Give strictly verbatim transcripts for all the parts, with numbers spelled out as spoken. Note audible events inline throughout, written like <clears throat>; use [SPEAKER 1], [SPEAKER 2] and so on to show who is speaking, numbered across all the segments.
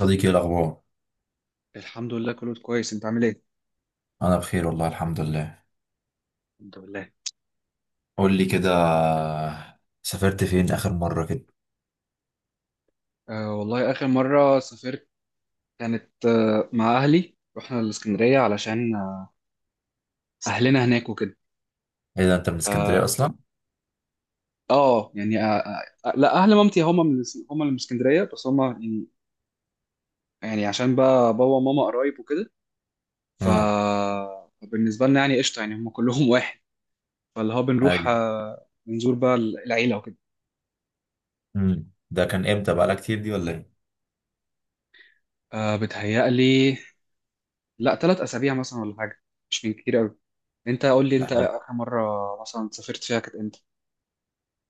[SPEAKER 1] صديقي، إيه الأخبار؟
[SPEAKER 2] الحمد لله، كله كويس، انت عامل ايه؟
[SPEAKER 1] أنا بخير والله الحمد لله.
[SPEAKER 2] الحمد لله.
[SPEAKER 1] قول لي كده، سافرت فين آخر مرة كده؟
[SPEAKER 2] آه والله، اخر مره سافرت كانت آه مع اهلي، رحنا الاسكندريه علشان آه اهلنا هناك وكده.
[SPEAKER 1] إيه ده، أنت من اسكندرية
[SPEAKER 2] اه،
[SPEAKER 1] أصلا؟
[SPEAKER 2] آه يعني آه آه آه، لا اهل مامتي هم من الس- هم اللي من اسكندريه، بس هم يعني يعني عشان بقى بابا وماما قرايب وكده. ف-
[SPEAKER 1] أه.
[SPEAKER 2] فبالنسبه لنا يعني قشطه، يعني هم كلهم <laughs> واحد، فاللي هو بنروح
[SPEAKER 1] أيوة.
[SPEAKER 2] آه بنزور بقى العيله وكده.
[SPEAKER 1] أمم. ده كان إمتى، بقالها كتير دي ولا إيه؟
[SPEAKER 2] آه، بتهيألي. لا، ثلاث اسابيع مثلا ولا حاجه، مش من كتير قوي. انت قول لي،
[SPEAKER 1] ده
[SPEAKER 2] انت
[SPEAKER 1] حلو.
[SPEAKER 2] اخر مره مثلا سافرت فيها كانت امتى؟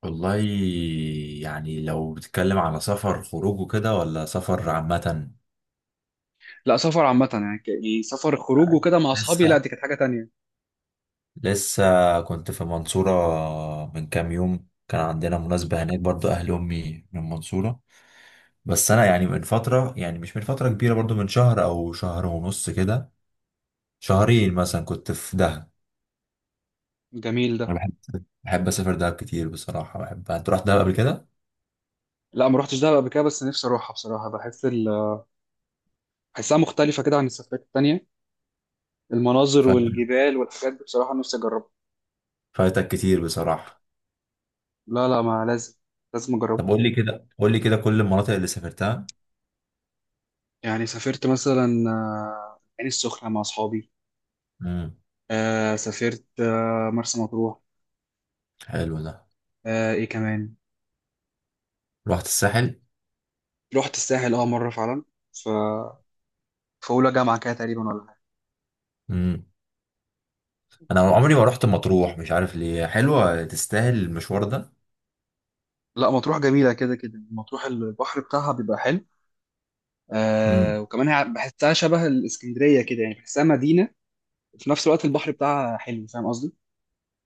[SPEAKER 1] والله يعني لو بتتكلم على سفر خروج وكده ولا سفر عامة؟
[SPEAKER 2] لا، سفر عامه، يعني ك- يعني سفر خروج وكده مع اصحابي، لا
[SPEAKER 1] لسه
[SPEAKER 2] دي كانت حاجه تانية.
[SPEAKER 1] لسه كنت في المنصورة. من كام يوم كان عندنا مناسبة هناك برضو، أهل أمي من المنصورة. بس أنا يعني من فترة، يعني مش من فترة كبيرة برضو، من شهر أو شهر ونص كده. شهرين مثلا كنت في دهب.
[SPEAKER 2] جميل ده.
[SPEAKER 1] انا بحب بحب اسافر دهب كتير بصراحه. بحب، انت رحت دهب قبل كده؟
[SPEAKER 2] لا، ما روحتش دهب قبل كده، بس نفسي اروحها بصراحه، بحس ال... بحسها مختلفه كده عن السفرات التانية. المناظر
[SPEAKER 1] فاتك،
[SPEAKER 2] والجبال والحاجات دي بصراحه نفسي اجربها.
[SPEAKER 1] فاتك كتير بصراحه.
[SPEAKER 2] لا، لا، ما لازم. لازم اجربها.
[SPEAKER 1] طب قول لي كده، قول لي كده، كل المناطق اللي سافرتها.
[SPEAKER 2] يعني سافرت مثلا، آه، العين السخنه مع اصحابي.
[SPEAKER 1] امم.
[SPEAKER 2] آه، سافرت آه، مرسى مطروح.
[SPEAKER 1] حلو ده.
[SPEAKER 2] آه، ايه كمان؟
[SPEAKER 1] رحت الساحل.
[SPEAKER 2] رحت الساحل، اه مره فعلا في اولى جامعه كده تقريبا ولا حاجه.
[SPEAKER 1] امم. انا عمري ما رحت مطروح، مش عارف ليه. حلوه، تستاهل المشوار ده؟
[SPEAKER 2] لا، مطروح جميله كده كده، مطروح البحر بتاعها بيبقى حلو. آه
[SPEAKER 1] امم.
[SPEAKER 2] وكمان هي بحسها شبه الاسكندريه كده، يعني بحسها مدينه. في نفس الوقت البحر بتاعها حلو، فاهم قصدي؟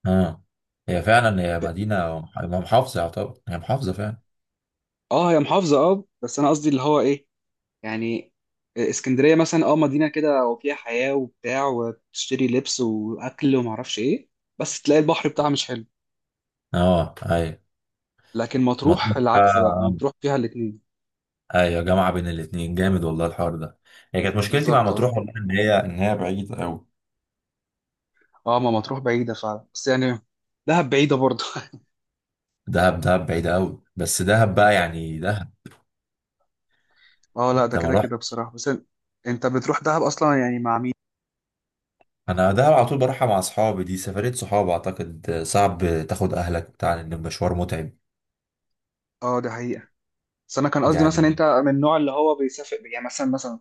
[SPEAKER 1] اه. هي فعلا، هي مدينه محافظه، يعتبر هي محافظه فعلا.
[SPEAKER 2] اه، هي محافظه، اه بس انا قصدي اللي هو ايه، يعني. اسكندريه مثلا اه مدينه كده وفيها حياه وبتاع، وتشتري لبس واكل ومعرفش ايه. بس تلاقي البحر بتاعها مش حلو.
[SPEAKER 1] اه، ايوه.
[SPEAKER 2] لكن مطروح
[SPEAKER 1] مطروح
[SPEAKER 2] العكس، بقى
[SPEAKER 1] آه.
[SPEAKER 2] مطروح فيها الاتنين.
[SPEAKER 1] ايوه، جامعه بين الاتنين، جامد والله الحوار ده. هي كانت مشكلتي مع
[SPEAKER 2] بالظبط، اه.
[SPEAKER 1] مطروح والله، ان هي ان هي بعيده قوي.
[SPEAKER 2] اه، ما مطروح بعيده فعلا، بس يعني دهب بعيده برضه <laughs>
[SPEAKER 1] دهب، دهب بعيده قوي، بس دهب بقى يعني دهب.
[SPEAKER 2] اه، لا
[SPEAKER 1] انت
[SPEAKER 2] ده
[SPEAKER 1] ما
[SPEAKER 2] كده
[SPEAKER 1] رحت؟
[SPEAKER 2] كده بصراحة، بس ان- انت بتروح دهب اصلا يعني مع مين؟
[SPEAKER 1] انا دهب على طول بروحها مع اصحابي، دي سفريه صحاب، اعتقد صعب تاخد اهلك بتاع، ان المشوار متعب.
[SPEAKER 2] اه، ده حقيقة. بس انا كان قصدي
[SPEAKER 1] يعني
[SPEAKER 2] مثلا، انت من النوع اللي هو بيسافر، يعني مثلا مثلا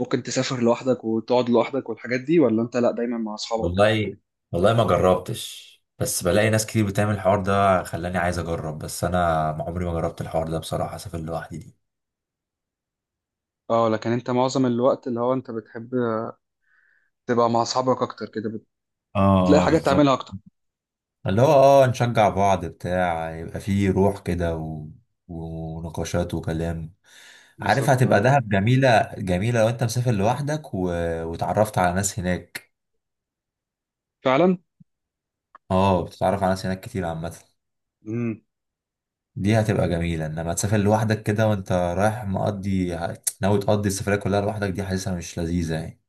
[SPEAKER 2] ممكن تسافر لوحدك وتقعد لوحدك والحاجات دي، ولا انت لا دايما مع اصحابك؟
[SPEAKER 1] والله، والله ما جربتش، بس بلاقي ناس كتير بتعمل الحوار ده خلاني عايز اجرب، بس انا عمري ما جربت الحوار ده بصراحه، اسافر لوحدي دي.
[SPEAKER 2] اه، لكن انت معظم الوقت اللي هو انت بتحب تبقى مع اصحابك اكتر كده.
[SPEAKER 1] اه،
[SPEAKER 2] بتلاقي
[SPEAKER 1] آه،
[SPEAKER 2] حاجات تعملها
[SPEAKER 1] بالظبط.
[SPEAKER 2] اكتر.
[SPEAKER 1] اللي هو اه نشجع بعض بتاع، يبقى فيه روح كده و... ونقاشات وكلام. عارف
[SPEAKER 2] بالظبط،
[SPEAKER 1] هتبقى
[SPEAKER 2] اه.
[SPEAKER 1] دهب جميلة جميلة لو انت مسافر لوحدك و... وتعرفت على ناس هناك.
[SPEAKER 2] فعلا.
[SPEAKER 1] اه، بتتعرف على ناس هناك كتير عامة.
[SPEAKER 2] امم.
[SPEAKER 1] دي هتبقى جميلة، انما تسافر لوحدك كده وانت رايح مقضي، ناوي تقضي السفرية كلها لوحدك، دي حاسسها مش لذيذة يعني.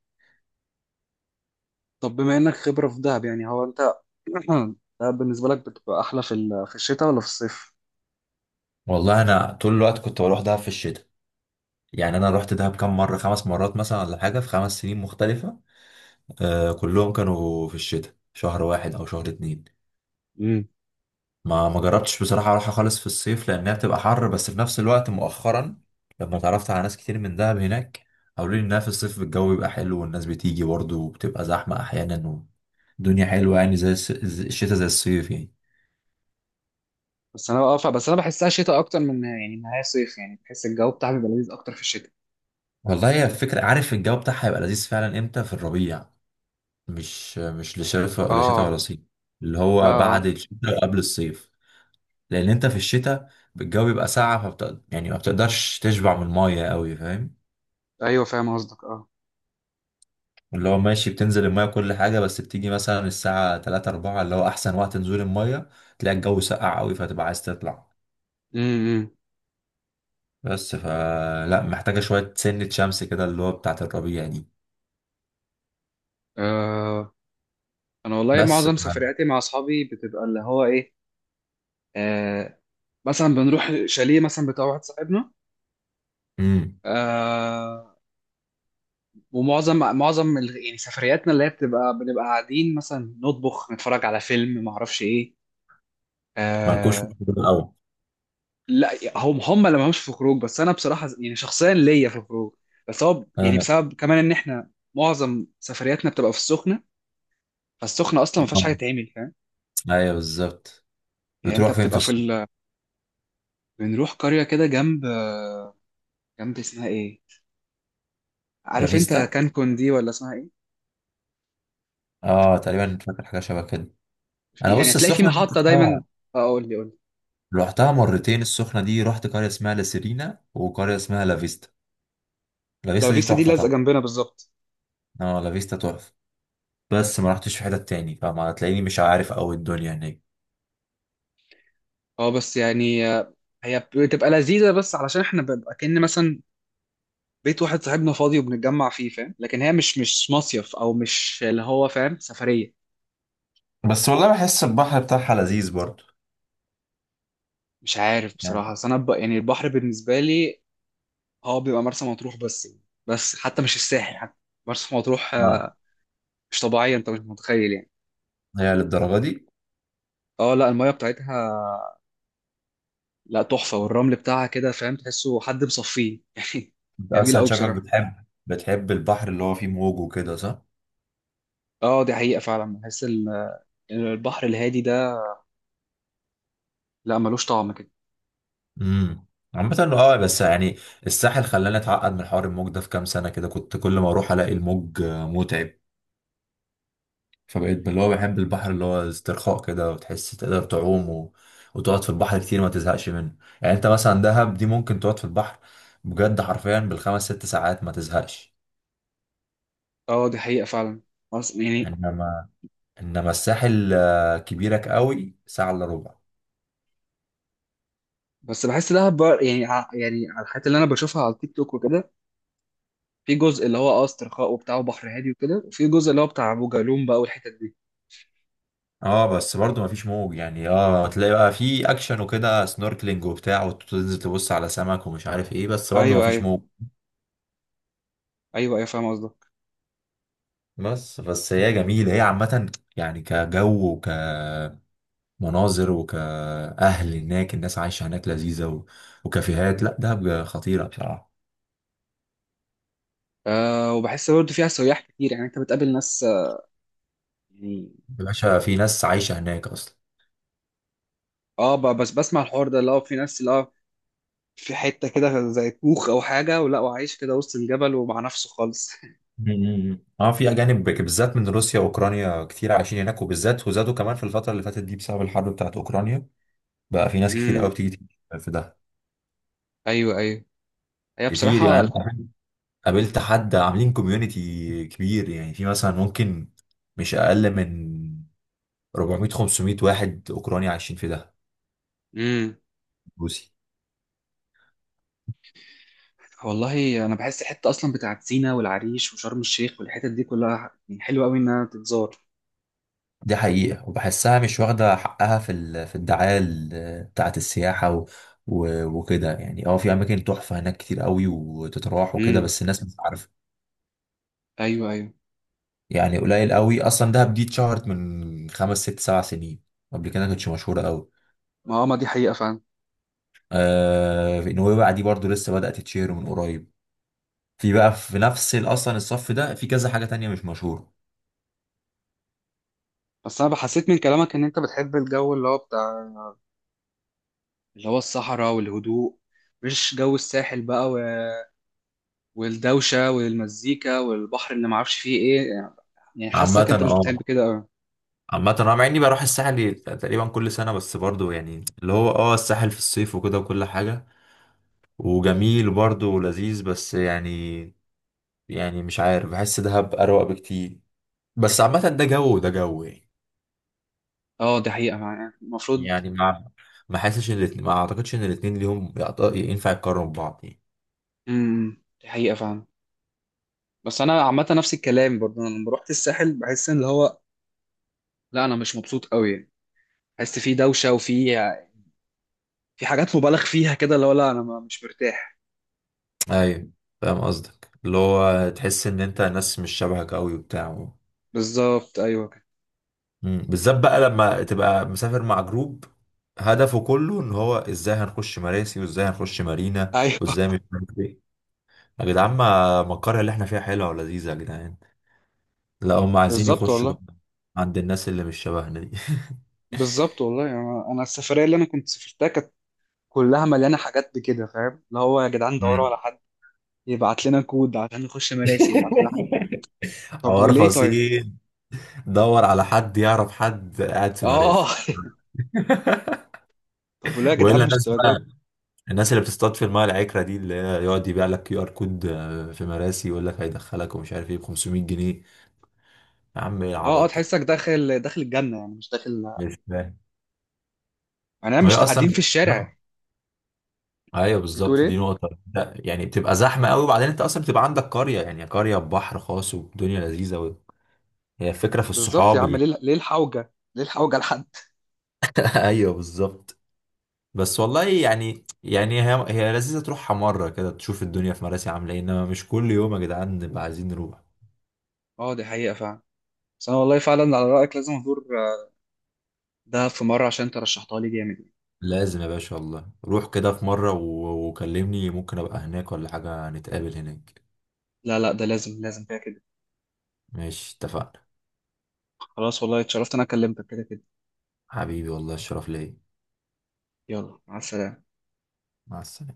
[SPEAKER 2] طب بما انك خبرة في دهب يعني هو انت <clears throat> دهب بالنسبة لك بتبقى احلى في ال- في الشتاء ولا في الصيف؟
[SPEAKER 1] والله انا طول الوقت كنت بروح دهب في الشتاء. يعني انا رحت دهب كام مرة، خمس مرات مثلا ولا حاجة، في خمس سنين مختلفة. آه كلهم كانوا في الشتاء، شهر واحد او شهر اتنين. ما ما جربتش بصراحة اروحها خالص في الصيف لانها بتبقى حر، بس في نفس الوقت مؤخرا لما اتعرفت على ناس كتير من دهب هناك، قالوا لي انها في الصيف الجو بيبقى حلو والناس بتيجي برضه وبتبقى زحمة احيانا، والدنيا حلوة يعني زي الس- زي- الشتاء زي الصيف يعني.
[SPEAKER 2] بس انا اه ف- بس انا بحسها شتاء اكتر من، يعني ان هي صيف، يعني بحس الجو بتاعها بيبقى لذيذ اكتر في الشتاء.
[SPEAKER 1] والله هي الفكرة، عارف الجو بتاعها هيبقى لذيذ فعلا امتى؟ في الربيع. مش مش لا شتاء ولا شتاء
[SPEAKER 2] اه،
[SPEAKER 1] ولا صيف، اللي
[SPEAKER 2] اه،
[SPEAKER 1] هو
[SPEAKER 2] اه،
[SPEAKER 1] بعد الشتاء وقبل الصيف. لان انت في الشتاء الجو بيبقى ساقع، فبت... يعني ما بتقدرش تشبع من المايه قوي فاهم.
[SPEAKER 2] ايوه، فاهم قصدك، اه.
[SPEAKER 1] اللي هو ماشي بتنزل المايه كل حاجه، بس بتيجي مثلا الساعه تلاتة اربعة اللي هو احسن وقت نزول المايه، تلاقي الجو ساقع قوي فتبقى عايز تطلع.
[SPEAKER 2] امم.
[SPEAKER 1] بس فلا، محتاجه شويه سنه شمس كده اللي هو بتاعه الربيع دي.
[SPEAKER 2] آه. انا والله
[SPEAKER 1] بس.
[SPEAKER 2] معظم سفرياتي مع اصحابي بتبقى اللي هو ايه. آه. مثلا بنروح شاليه مثلا بتاع واحد صاحبنا.
[SPEAKER 1] امم.
[SPEAKER 2] آه. ومعظم معظم ال- يعني سفرياتنا اللي هي بتبقى بنبقى قاعدين مثلا نطبخ، نتفرج على فيلم، ما اعرفش ايه.
[SPEAKER 1] مالكوش في
[SPEAKER 2] آه.
[SPEAKER 1] الجو الاول؟
[SPEAKER 2] لا، هم هم اللي مالهمش في خروج، بس انا بصراحه يعني شخصيا ليا في الخروج. بس هو يعني
[SPEAKER 1] آه.
[SPEAKER 2] بسبب كمان ان احنا معظم سفرياتنا بتبقى في السخنه. فالسخنه اصلا ما فيهاش حاجه
[SPEAKER 1] آه.
[SPEAKER 2] تعمل، فاهم.
[SPEAKER 1] ايوه بالظبط.
[SPEAKER 2] يعني انت
[SPEAKER 1] بتروح فين في
[SPEAKER 2] بتبقى في
[SPEAKER 1] السوق؟
[SPEAKER 2] ال... بنروح قريه كده جنب جنب اسمها ايه؟ عارف انت
[SPEAKER 1] لافيستا.
[SPEAKER 2] كانكون دي ولا اسمها ايه؟
[SPEAKER 1] اه تقريبا، فاكر حاجه شبه كده.
[SPEAKER 2] في
[SPEAKER 1] انا
[SPEAKER 2] يعني
[SPEAKER 1] بص،
[SPEAKER 2] هتلاقي في
[SPEAKER 1] السخنه دي
[SPEAKER 2] محطه دايما. اه، قول لي، قول لي.
[SPEAKER 1] رحتها مرتين، السخنة دي رحت قرية اسمها لاسيرينا وقرية اسمها لافيستا.
[SPEAKER 2] لا
[SPEAKER 1] لافيستا دي
[SPEAKER 2] فيستا دي
[SPEAKER 1] تحفة
[SPEAKER 2] لازقه
[SPEAKER 1] طبعا.
[SPEAKER 2] جنبنا بالظبط.
[SPEAKER 1] اه، لافيستا تحفة، بس ما رحتش في حتة تاني فما هتلاقيني مش عارف أوي الدنيا هناك.
[SPEAKER 2] اه، بس يعني آه، هي بتبقى لذيذه، بس علشان احنا بنبقى كأن مثلا بيت واحد صاحبنا فاضي وبنتجمع فيه، فاهم؟ لكن هي مش مش مصيف، او مش اللي هو فاهم، سفريه.
[SPEAKER 1] بس والله بحس البحر بتاعها لذيذ برضه.
[SPEAKER 2] مش عارف
[SPEAKER 1] يعني،
[SPEAKER 2] بصراحه، بس انا ب... يعني البحر بالنسبه لي هو بيبقى مرسى مطروح، بس يعني. بس حتى مش الساحل، حتى مرسى مطروح
[SPEAKER 1] اه
[SPEAKER 2] آه، مش طبيعيه، انت مش متخيل يعني.
[SPEAKER 1] هي للدرجة دي؟
[SPEAKER 2] اه، لا، الميه بتاعتها، لا تحفه، والرمل بتاعها كده، فاهم؟ تحسه حد مصفيه <laughs> يعني.
[SPEAKER 1] انت
[SPEAKER 2] جميل
[SPEAKER 1] أصلا
[SPEAKER 2] قوي
[SPEAKER 1] شكلك
[SPEAKER 2] بصراحه.
[SPEAKER 1] بتحب بتحب البحر اللي هو فيه موج وكده صح؟
[SPEAKER 2] اه، دي حقيقه فعلا. بحس ال- البحر الهادي ده، لا ملوش طعم كده.
[SPEAKER 1] امم. عامة اه، بس يعني الساحل خلاني اتعقد من حوار الموج ده في كام سنة كده، كنت كل ما اروح الاقي الموج آه، متعب. فبقيت اللي هو بحب البحر اللي هو استرخاء كده، وتحس تقدر تعوم و... وتقعد في البحر كتير ما تزهقش منه. يعني انت مثلا دهب دي ممكن تقعد في البحر بجد، حرفيا بالخمس ست ساعات ما تزهقش.
[SPEAKER 2] اه، دي حقيقه فعلا. مرس- يعني
[SPEAKER 1] انما، انما الساحل آه، كبيرك قوي ساعة الا ربع.
[SPEAKER 2] بس بحس دهب بقى، يعني ع- يعني على الحاجات اللي انا بشوفها على التيك توك وكده. في جزء اللي هو اه استرخاء وبتاع وبحر هادي وكده، وفي جزء اللي هو بتاع ابو جالوم بقى والحتت دي.
[SPEAKER 1] اه بس برضو ما فيش موج، يعني اه تلاقي بقى في اكشن وكده سنوركلينج وبتاع، وتنزل تبص على سمك ومش عارف ايه، بس برضو ما
[SPEAKER 2] ايوه،
[SPEAKER 1] فيش
[SPEAKER 2] ايوه.
[SPEAKER 1] موج.
[SPEAKER 2] ايوه، ايوه، فاهم قصدك.
[SPEAKER 1] بس بس هي جميلة هي عامة، يعني كجو، وك مناظر وكأهل هناك، الناس عايشة هناك لذيذة، و... وكافيهات، لا دهب خطيرة بصراحة.
[SPEAKER 2] آه، وبحس برضه فيها سياح كتير، يعني انت بتقابل ناس آه، يعني.
[SPEAKER 1] يا باشا في ناس عايشة هناك أصلا.
[SPEAKER 2] اه، ب- بس بسمع الحوار ده، اللي هو في ناس اللي هو في حته كده، زي كوخ او حاجه، ولا وعايش كده وسط الجبل ومع نفسه خالص <laughs>
[SPEAKER 1] مم. اه في أجانب بك- بالذات من روسيا وأوكرانيا كتير عايشين هناك، وبالذات وزادوا كمان في الفترة اللي فاتت دي بسبب الحرب بتاعت أوكرانيا. بقى في ناس كتير قوي
[SPEAKER 2] امم،
[SPEAKER 1] بتيجي تيجي في دهب.
[SPEAKER 2] ايوه، ايوه. هي
[SPEAKER 1] كتير يعني،
[SPEAKER 2] بصراحه.
[SPEAKER 1] أنا قابلت قابلت حد عاملين كوميونيتي كبير، يعني في مثلا ممكن، مش أقل من أربعمائة خمسمائة واحد أوكراني عايشين في دهب،
[SPEAKER 2] امم.
[SPEAKER 1] روسي.
[SPEAKER 2] والله، انا بحس الحته اصلا بتاعت سينا والعريش وشرم الشيخ والحتت دي كلها، يعني حلوه قوي انها تتزار.
[SPEAKER 1] دي حقيقة، وبحسها مش واخدة حقها في ال... في الدعاية ال- بتاعة السياحة و... و... وكده يعني، اه في أماكن تحفة هناك كتير قوي وتتراح وكده
[SPEAKER 2] امم،
[SPEAKER 1] بس الناس مش عارفة.
[SPEAKER 2] ايوه، ايوه.
[SPEAKER 1] يعني قليل قوي أصلا، دهب دي اتشهرت من خمس ست سبع سنين، قبل كده ما كانتش مشهورة قوي.
[SPEAKER 2] ما ما دي حقيقه فعلا.
[SPEAKER 1] آه في نويبع دي برضو لسه بدأت تتشهر من قريب. في بقى في نفس ال- أصلا الصف ده في كذا حاجة تانية مش مشهورة.
[SPEAKER 2] بس انا بحسيت من كلامك ان انت بتحب الجو اللي هو بتاع، اللي هو الصحراء والهدوء، مش جو الساحل بقى و- والدوشه والمزيكا والبحر اللي معرفش فيه ايه. يعني
[SPEAKER 1] عامة
[SPEAKER 2] حاسك انت مش بتحب
[SPEAKER 1] اه،
[SPEAKER 2] كده قوي.
[SPEAKER 1] عامة انا مع اني بروح الساحل تقريبا كل سنة، بس برضو يعني اللي هو اه الساحل في الصيف وكده وكل حاجة، وجميل برضه ولذيذ بس يعني، يعني مش عارف بحس دهب أروق بكتير، بس عامة ده جو وده جو يعني.
[SPEAKER 2] اه، دي حقيقه يعني المفروض.
[SPEAKER 1] يعني ما ما حاسش ان الاتنين، ما اعتقدش ان الاتنين ليهم يعط- ينفع يتقارنوا ببعض يعني.
[SPEAKER 2] امم، دي حقيقه فعلا. بس انا عامه نفس الكلام برضه. أنا لما رحت الساحل بحس ان اللي هو، لا انا مش مبسوط قوي. حس فيه دوشه، وفي في حاجات مبالغ فيها كده، اللي هو لا انا ما- مش مرتاح.
[SPEAKER 1] ايوه فاهم قصدك، اللي هو تحس ان انت ناس مش شبهك قوي وبتاع.
[SPEAKER 2] بالظبط، ايوه، كده.
[SPEAKER 1] مم. بالذات بقى لما تبقى مسافر مع جروب، هدفه كله ان هو ازاي هنخش مراسي وازاي هنخش مارينا،
[SPEAKER 2] ايوه
[SPEAKER 1] وازاي
[SPEAKER 2] <laughs>
[SPEAKER 1] مش عارف ايه، يا جدعان ما ما القرية اللي احنا فيها حلوة ولذيذة يا جدعان، لا هم عايزين
[SPEAKER 2] بالظبط
[SPEAKER 1] يخشوا
[SPEAKER 2] والله.
[SPEAKER 1] بقى عند الناس اللي مش شبهنا دي. <laughs>
[SPEAKER 2] بالظبط والله يعني. انا السفريه اللي انا كنت سافرتها كانت كلها مليانه حاجات بكده، فاهم؟ اللي هو يا جدعان دوروا
[SPEAKER 1] مم.
[SPEAKER 2] على حد يبعت لنا كود عشان نخش مراسي، يبعت لنا حد. طب
[SPEAKER 1] حوار
[SPEAKER 2] وليه طيب؟
[SPEAKER 1] فصيل، دور على حد يعرف حد قاعد في
[SPEAKER 2] اه
[SPEAKER 1] مراسي.
[SPEAKER 2] <laughs>
[SPEAKER 1] <laughs>
[SPEAKER 2] طب وليه يا جدعان
[SPEAKER 1] والا
[SPEAKER 2] مش
[SPEAKER 1] الناس
[SPEAKER 2] درجات؟
[SPEAKER 1] بقى، الناس اللي بتصطاد في المايه العكره دي اللي هي يقعد يبيع لك كيو ار كود آه، في مراسي، يقول لك هيدخلك ومش عارف ايه ب خمسمائة جنيه. يا عم ايه
[SPEAKER 2] اه، اه،
[SPEAKER 1] العبط ده؟
[SPEAKER 2] تحسك داخل داخل الجنه يعني، مش داخل.
[SPEAKER 1] مش فاهم.
[SPEAKER 2] يعني
[SPEAKER 1] وهي
[SPEAKER 2] مش
[SPEAKER 1] اصلا
[SPEAKER 2] قاعدين في
[SPEAKER 1] بت-.
[SPEAKER 2] الشارع.
[SPEAKER 1] ايوه
[SPEAKER 2] بتقول
[SPEAKER 1] بالظبط، دي
[SPEAKER 2] ايه؟
[SPEAKER 1] نقطه. لا يعني بتبقى زحمه قوي، وبعدين انت اصلا بتبقى عندك قريه، يعني قريه ببحر خاص والدنيا لذيذه قوي. هي الفكره في
[SPEAKER 2] بالظبط يا
[SPEAKER 1] الصحاب
[SPEAKER 2] عم،
[SPEAKER 1] اللي.
[SPEAKER 2] ليه ليه الحوجه؟ ليه الحوجه لحد؟
[SPEAKER 1] <laughs> ايوه بالظبط. بس والله يعني يعني، هي هي لذيذة تروحها مرة كده تشوف الدنيا في مراسي عاملة ايه، انما مش كل يوم يا جدعان نبقى عايزين نروح.
[SPEAKER 2] اه، دي حقيقه فعلا. بس انا والله فعلا على رايك، لازم ازور دهب في مره عشان انت رشحتها لي جامد.
[SPEAKER 1] لازم يا باشا والله، روح كده في مرة و- وكلمني، ممكن ابقى هناك ولا حاجة نتقابل هناك.
[SPEAKER 2] لا، لا، ده لازم، لازم كده كده.
[SPEAKER 1] ماشي اتفقنا.
[SPEAKER 2] خلاص والله، اتشرفت إن انا كلمتك كده كده.
[SPEAKER 1] حبيبي والله الشرف ليا.
[SPEAKER 2] يلا، مع السلامه.
[SPEAKER 1] مع السلامة.